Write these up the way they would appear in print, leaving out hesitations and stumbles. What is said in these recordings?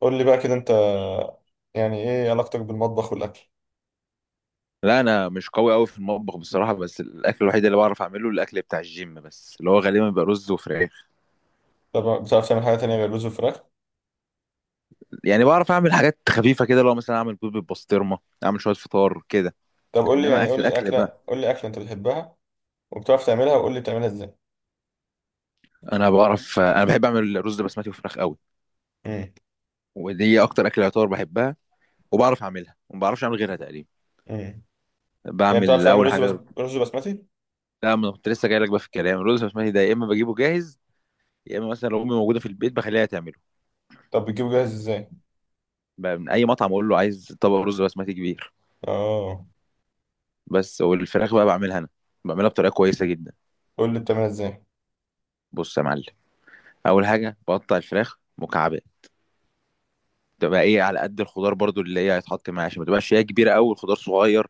قول لي بقى كده انت، يعني ايه علاقتك بالمطبخ والاكل؟ لا انا مش قوي قوي في المطبخ بصراحه. بس الاكل الوحيد اللي بعرف اعمله الاكل بتاع الجيم، بس اللي هو غالبا بيبقى رز وفراخ. طب بتعرف تعمل حاجه تانية غير رز وفراخ؟ يعني بعرف اعمل حاجات خفيفه كده، لو مثلا اعمل بيض بالبسطرمه، اعمل شويه فطار كده. طب قول لي، انما يعني اكل قول لي اكل بقى، اكله، قول لي اكله انت بتحبها وبتعرف تعملها، وقول لي بتعملها ازاي؟ انا بحب اعمل رز بسمتي وفراخ قوي. امم ودي اكتر اكل يعتبر بحبها وبعرف اعملها وما بعرفش اعمل غيرها تقريبا. امم يعني بتعرف بعمل تعمل اول رز؟ بس حاجه. رز بسمتي؟ لا، ما أنا كنت لسه جاي لك بقى في الكلام، الرز البسمتي ده يا اما بجيبه جاهز، يا اما مثلا لو امي موجوده في البيت بخليها تعمله. طب بتجيبه جاهز ازاي؟ بقى من اي مطعم اقول له عايز طبق رز بسمتي كبير. اه. بس والفراخ بقى بعملها انا، بعملها بطريقه كويسه جدا. قول لي بتعملها ازاي؟ بص يا معلم، اول حاجه بقطع الفراخ مكعبات، تبقى ايه، على قد الخضار برضو اللي هي هيتحط معاها، عشان ما تبقاش هي كبيره قوي والخضار صغير،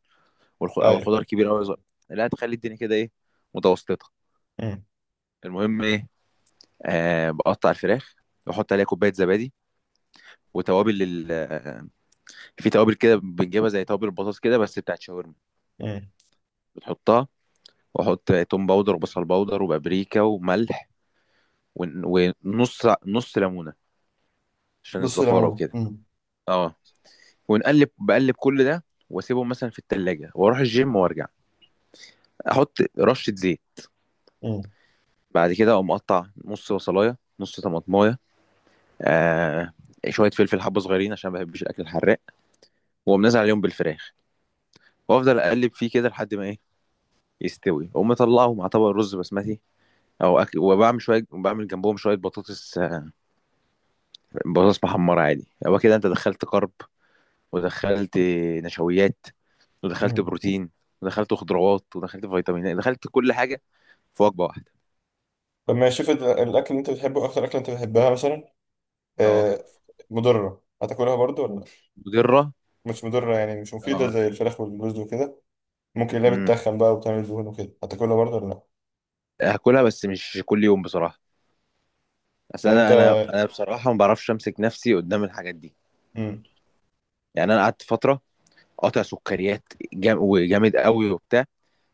او ايوه. الخضار كبير قوي صغير. لا، تخلي الدنيا كده ايه، متوسطه. امم المهم ايه، آه، بقطع الفراخ واحط عليها كوبايه زبادي وتوابل ال... آه، في توابل كده بنجيبها زي توابل البطاطس كده، بس بتاعت شاورما، امم بتحطها. واحط توم باودر وبصل باودر وبابريكا وملح ون- ونص، نص ليمونه عشان بص الزفاره ليمون. وكده. اه، ونقلب، بقلب كل ده واسيبهم مثلا في التلاجة واروح الجيم وارجع، احط رشة زيت. امم بعد كده اقوم مقطع نص بصلاية، نص طماطماية، آه، شوية فلفل، حبة صغيرين عشان ما بحبش الاكل الحراق. واقوم نازل عليهم بالفراخ وافضل اقلب فيه كده لحد ما ايه، يستوي. اقوم مطلعه مع طبق رز بسمتي او أكل، وبعمل شويه، بعمل جنبهم شويه بطاطس، آه، بطاطس محمره عادي. هو كده انت دخلت كرب ودخلت نشويات ودخلت امم بروتين ودخلت خضروات ودخلت فيتامينات، دخلت كل حاجه في وجبه واحده. طب ماشي، شوف الاكل اللي انت بتحبه، اكتر اكله انت بتحبها مثلا، اه، آه، مضره هتاكلها برضو ولا لأ؟ مضره. مش مضره يعني، مش مفيده اه. زي الفراخ والرز وكده؟ ممكن اللي هي امم. بتتخن بقى وبتعمل دهون وكده هتاكلها برضه ولا لا؟ هاكلها، بس مش كل يوم بصراحه. اصل يعني انا، انت. انا بصراحه ما بعرفش امسك نفسي قدام الحاجات دي. امم. يعني انا قعدت فتره قاطع سكريات جام وجامد قوي وبتاع.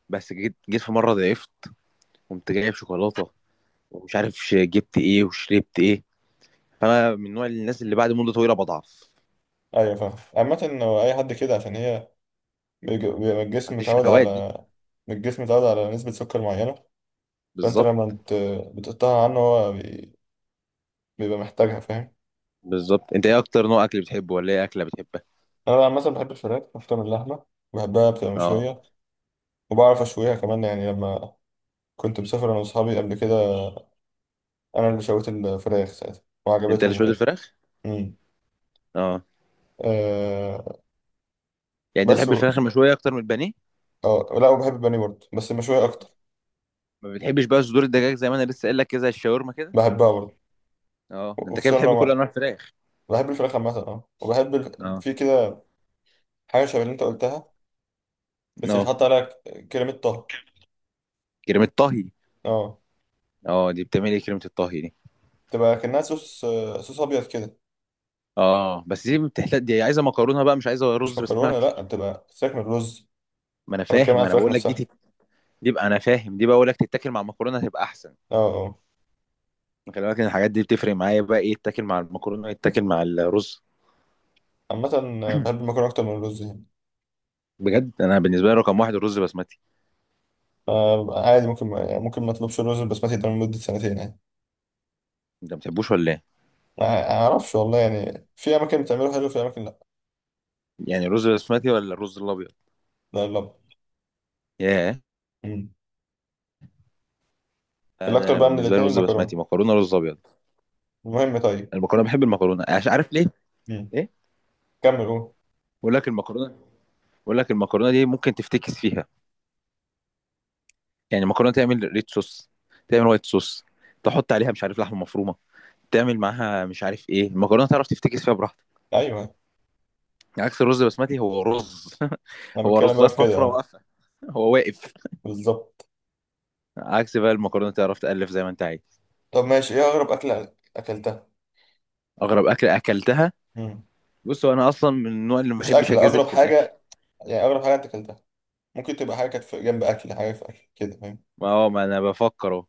بس جيت في مره ضعفت، قمت جايب شوكولاته ومش عارف جبت ايه وشربت ايه. فانا من نوع الناس اللي بعد مده طويله بضعف. ايوه فاهم. عامة هو اي حد كده، عشان هي بيبقى ما الجسم عنديش متعود الهوايات دي. على، الجسم متعود على نسبة سكر معينة. فانت لما بالظبط. بتقطعها عنه هو بيبقى محتاجها، فاهم؟ بالظبط، انت ايه اكتر نوع اكل بتحبه، ولا ايه اكله بتحبها؟ انا عامة بحب الفراخ اكتر من اللحمة. بحبها بتبقى اه، مشوية، وبعرف اشويها كمان. يعني لما كنت مسافر انا واصحابي قبل كده، انا اللي شويت الفراخ ساعتها انت اللي وعجبتهم شويه وكده. الفراخ؟ امم. اه. أه. يعني انت بس بتحب و... الفراخ المشويه اكتر من البانيه؟ اه لا، وبحب البانيه برضه بس مشوية اكتر. ما بتحبش بقى صدور الدجاج زي ما انا لسه قايل لك كده، زي الشاورما كده؟ بحبها برضه. اه، انت كده وخصوصا بتحب لو كل انواع الفراخ. بحب الفراخ عامة، اه. اه. في كده حاجة شبه اللي انت قلتها، بس اه، بيتحط عليها كريمة طهي. كريمه طهي. اه، اه، دي بتعمل ايه كريمه الطهي دي؟ تبقى كأنها صوص، صوص أبيض كده. اه، بس دي بتحتاج، دي عايزه مكرونه بقى، مش عايزه مش رز مكرونة بسمتي. لأ، بتبقى فراخ من الرز. ما انا أنا بتكلم فاهم، على انا الفراخ بقول لك دي نفسها. دي بقى، انا فاهم، دي بقى بقول لك تتاكل مع المكرونه هتبقى احسن. اه. اه. خلي بالك ان الحاجات دي بتفرق معايا بقى، ايه تتاكل مع المكرونه، ايه تتاكل مع الرز. عامة، بحب المكرونة أكتر من الرز يعني. بجد انا بالنسبه لي رقم واحد الرز بسمتي. عادي، ممكن يعني ممكن ما أطلبش الرز البسمتي ده لمدة سنتين يعني. انت ما بتحبوش ولا ايه؟ ما أعرفش والله، يعني في أماكن بتعمله حلو، في أماكن لأ. يعني الرز بسمتي ولا الرز الابيض؟ لا لا. ياه. مم. لا، ده الأكتر انا بقى من بالنسبه لي الاتنين رز المكرونة. بسمتي، مكرونه، رز ابيض. المهم، طيب. المكرونه، بحب المكرونه، عارف ليه؟ مم. ايه. كمل قول. بقول لك المكرونه، بقول لك المكرونه دي ممكن تفتكس فيها. يعني المكرونه تعمل ريد صوص، تعمل وايت صوص، تحط عليها مش عارف لحمه مفرومه، تعمل معاها مش عارف ايه، المكرونه تعرف تفتكس فيها براحتك. أيوه. عكس الرز البسمتي، هو رز انا هو بتكلم رزايه بقى في كده، صفرا اه. واقفه، هو واقف. بالظبط. عكس بقى المكرونه تعرف تألف زي ما انت عايز. طب ماشي، ايه اغرب اكله اكلتها؟ اغرب اكل اكلتها. مم. بص هو انا اصلا من النوع اللي ما مش بحبش اكله، اجازف اغرب في الاكل. حاجه، يعني اغرب حاجه انت اكلتها. ممكن تبقى حاجه كانت في جنب اكل، حاجه في اكل كده، فاهم؟ ما هو ما انا بفكر اهو،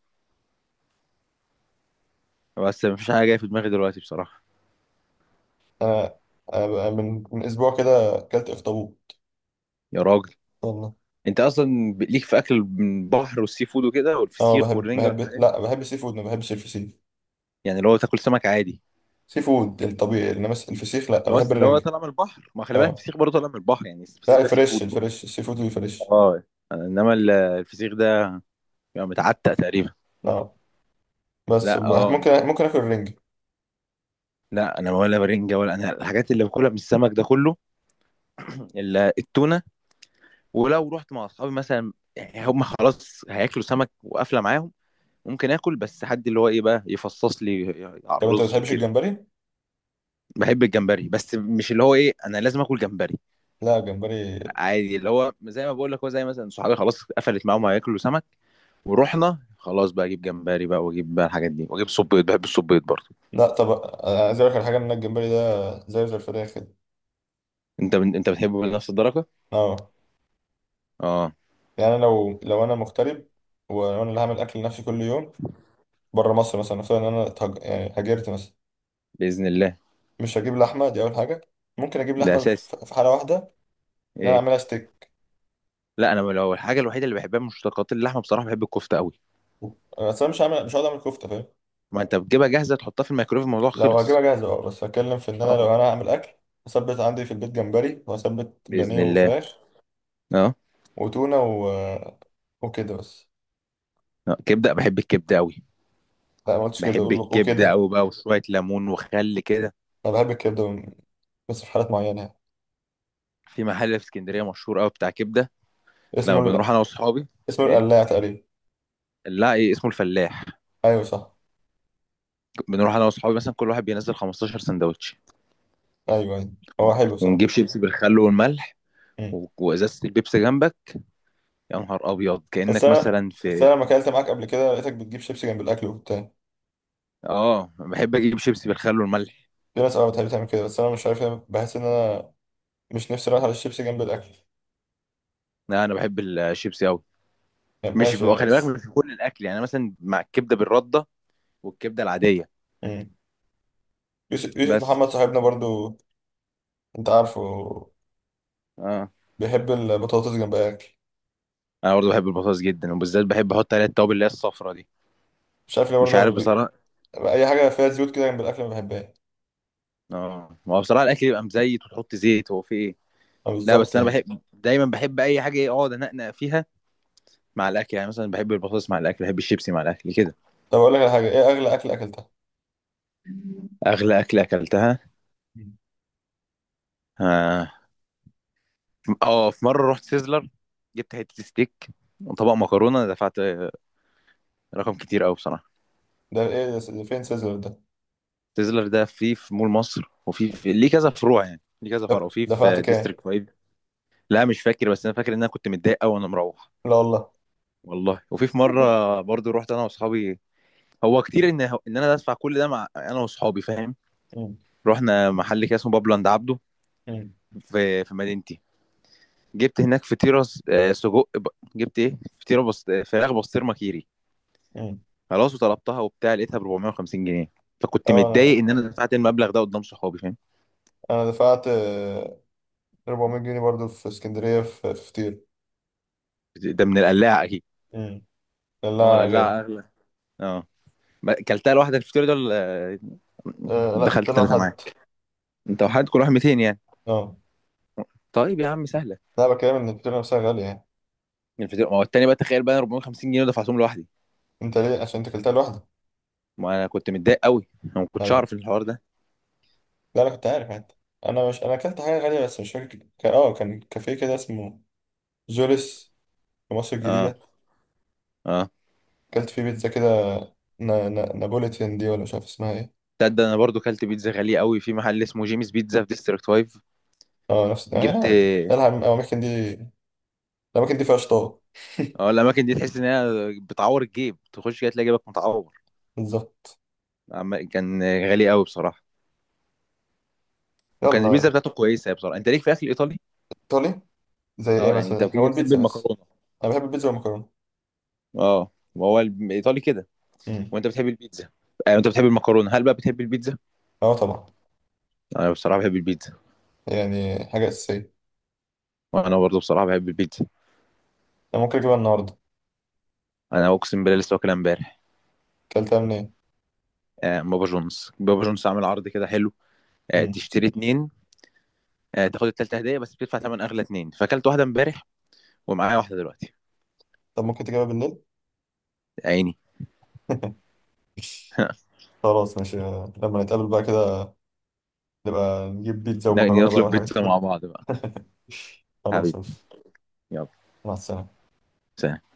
بس مفيش حاجه جايه في دماغي دلوقتي بصراحه. انا، أنا بقى من اسبوع كده اكلت اخطبوط. يا راجل. والله. انت اصلا ليك في اكل من البحر والسي فود وكده، اه والفسيخ بحب، والرنجه بحب، والحاجات دي. لا بحب السي فود، ما بحبش الفسيخ. يعني اللي هو تاكل سمك عادي، سي فود الطبيعي، انما الفسيخ لا. اللي هو بحب الرنجة. طالع من البحر. ما خلي بالك اه. الفسيخ برضه طالع من البحر، يعني الفسيخ لا ده سي فود الفريش، برضه. الفريش السي فود الفريش. اه. انما الفسيخ ده بيبقى متعتق تقريبا. اه. بس لا اه، ممكن اكل الرنجة. لا انا ولا برنجه ولا انا، الحاجات اللي باكلها من السمك ده كله الا التونه. ولو رحت مع اصحابي مثلا، يعني هم خلاص هياكلوا سمك وقافله معاهم، ممكن اكل، بس حد اللي هو ايه بقى، يفصص لي على طب انت ما الرز بتحبش وكده. الجمبري؟ بحب الجمبري، بس مش اللي هو ايه انا لازم اكل جمبري. لا لا الجمبري. عادي، اللي هو زي ما بقول لك، هو زي مثلا صحابي خلاص قفلت معاهم هياكلوا سمك، ورحنا خلاص بقى اجيب جمبري بقى، واجيب بقى الحاجات دي، واجيب صبيط، بحب الصبيط برضه. لا طب، عايز اقول لك على حاجه، ان الجمبري ده زيه زي الفراخ كده. انت بتحبه بنفس الدرجه؟ اه. اه. يعني انا لو انا مغترب، وانا اللي هعمل اكل لنفسي كل يوم، بره مصر مثلا، نفترض ان انا يعني هاجرت مثلا، باذن الله. مش هجيب لحمه دي اول حاجه. ممكن اجيب ده لحمه اساسي. في حاله واحده، ان انا ايه. اعملها ستيك. لا، انا لو الحاجه الوحيده اللي بحبها من مشتقات اللحمه بصراحه، بحب الكفته قوي. بس انا مش هعمل، مش هقعد اعمل كفته، فاهم؟ ما انت بتجيبها جاهزه، تحطها في الميكرويف، الموضوع لو خلص. هجيبها جاهزه اه، بس هتكلم في ان انا اه. لو انا هعمل اكل، هثبت عندي في البيت جمبري، وهثبت باذن بانيه الله. وفراخ، اه. وتونه و... وكده بس. آه، كبده، بحب الكبده قوي. لا ما قلتش كبده، بحب اقول الكبده وكده. قوي بقى، وشويه ليمون وخل كده. انا بحب الكبده بس في حالات معينه يعني. في محل في اسكندريه مشهور قوي بتاع كبده. لما اسمه بنروح ال... انا واصحابي. اسمه ايه. القلاع تقريبا. لا، ايه اسمه، الفلاح. ايوه صح. بنروح انا واصحابي مثلا كل واحد بينزل 15 سندوتش، ايوه ايوه. هو حلو ونجيب صراحه. شيبسي بالخل والملح مم. وازازه البيبسي جنبك. يا نهار ابيض، بس كانك انا مثلا بس في. انا لما اكلت معاك قبل كده لقيتك بتجيب شيبسي جنب الاكل وبتاع. اه، بحب اجيب شيبسي بالخل والملح. في ناس اه بتحب تعمل كده، بس انا مش عارف ليه، بحس ان انا مش نفسي رايح على الشيبسي جنب الاكل. لا انا بحب الشيبسي قوي. يعني مش، ماشي يعني، خلي بالك بس. مش في كل الاكل يعني، أنا مثلا مع الكبده بالرده والكبده العاديه. مم. يوسف، يوسف بس. محمد صاحبنا برضو، انت عارفه، اه. بيحب البطاطس جنب الاكل. انا برضه بحب البطاطس جدا، وبالذات بحب احط عليها التوابل اللي هي الصفرا دي. مش عارف ليه مش عارف برضو بصراحه. اي حاجه فيها زيوت كده جنب الاكل ما بحبهاش. اه، ما هو بصراحه الاكل يبقى مزيت وتحط زيت، هو في ايه. اه لا بالظبط بس انا يعني. بحب دايما، بحب اي حاجه ايه، اقعد انقنق فيها مع الاكل. يعني مثلا بحب البطاطس مع الاكل، بحب الشيبسي مع الاكل كده. طب اقول لك على حاجه، ايه اغلى اكل اكلتها؟ اغلى اكله اكلتها. مم. اه. آه، في مره رحت سيزلر، جبت حته ستيك وطبق مكرونه، أنا دفعت آه، رقم كتير قوي بصراحه. ده ايه ده، فين سيزر ده؟ سيزلر ده فيه في مول مصر، وفي في ليه كذا فروع، يعني ليه كذا فرع، ده وفي دفعت في كام؟ ديستريكت 5. لا مش فاكر، بس انا فاكر ان انا كنت متضايق قوي وانا مروح. لا والله. والله. وفي في مره برضو رحت انا واصحابي، هو كتير ان انا ادفع كل ده، مع انا واصحابي، فاهم. مم. رحنا محل كده اسمه بابلو عند عبده، مم. في في مدينتي، جبت هناك فطيره جبت ايه فطيره بس آه، فراخ بسطرمه كيري. مم. خلاص وطلبتها وبتاع، لقيتها ب 450 جنيه. فكنت متضايق اه ان انا دفعت المبلغ ده قدام صحابي، فاهم. انا دفعت 400 جنيه برضو في اسكندريه، في في فطير. ده من القلاعه اكيد. مم. هو لا القلاعه غالي. اغلى. اه. ما- كلتها لوحدك الفطيره دول آه، مم. آه لا، كنت دخلت انا ثلاثه وحد. معاك؟ انت وحدك؟ كل واحد 200 يعني. اه طيب يا عم سهله. لا، بكلم ان الفطيره نفسها غاليه يعني. الفطيره، ما هو التاني بقى تخيل بقى، 450 جنيه دفعتهم لوحدي. انت ليه، عشان انت اكلتها لوحدك؟ ما انا كنت متضايق قوي، انا ما كنتش ايوه. اعرف الحوار ده. لا انا كنت عارف انت. انا مش، انا اكلت حاجه غاليه بس مش فاكر، اه، كان كافيه كده اسمه جوليس، في مصر اه. الجديده. اه. اكلت فيه بيتزا كده، نابوليتان دي، ولا مش عارف اسمها ايه. تصدق انا برضو كلت بيتزا غاليه قوي في محل اسمه جيمس بيتزا في ديستريكت 5. اه نفس، جبت. يعني الأماكن دي، الأماكن دي فيها شطار. اه، الاماكن دي تحس ان هي بتعور الجيب، تخش كده تلاقي جيبك متعور. بالظبط. كان غالي قوي بصراحه، وكان البيتزا يلا. بتاعته كويسه بصراحه. انت ليك في اكل ايطالي؟ ايطالي؟ زي ايه اه، يعني انت مثلا، كده هو بتحب البيتزا بس. المكرونه. انا بحب البيتزا والمكرونه. اه، ما هو الايطالي كده. امم. وانت بتحب البيتزا. آه، انت بتحب المكرونه، هل بقى بتحب البيتزا؟ اه طبعا. انا بصراحه بحب البيتزا. يعني حاجه اساسيه. وانا برضو بصراحه بحب البيتزا. انا ممكن اجيبها النهارده. انا اقسم بالله لسه واكلها امبارح. اكلتها منين؟ آه، بابا جونز. بابا جونز عامل عرض كده حلو، آه، امم. تشتري اتنين آه، تاخد التالتة هدية، بس بتدفع تمن أغلى اتنين. فأكلت واحدة امبارح، ومعايا واحدة دلوقتي. طب ممكن تجيبها بالليل؟ عيني. خلاص ماشي. لما نتقابل بقى كده، نبقى نجيب بيتزا ومكرونه بقى نطلب والحاجات دي بيتزا مع كلها. بعض بقى. خلاص حبيبي. ماشي. يلا. مع السلامه. سلام.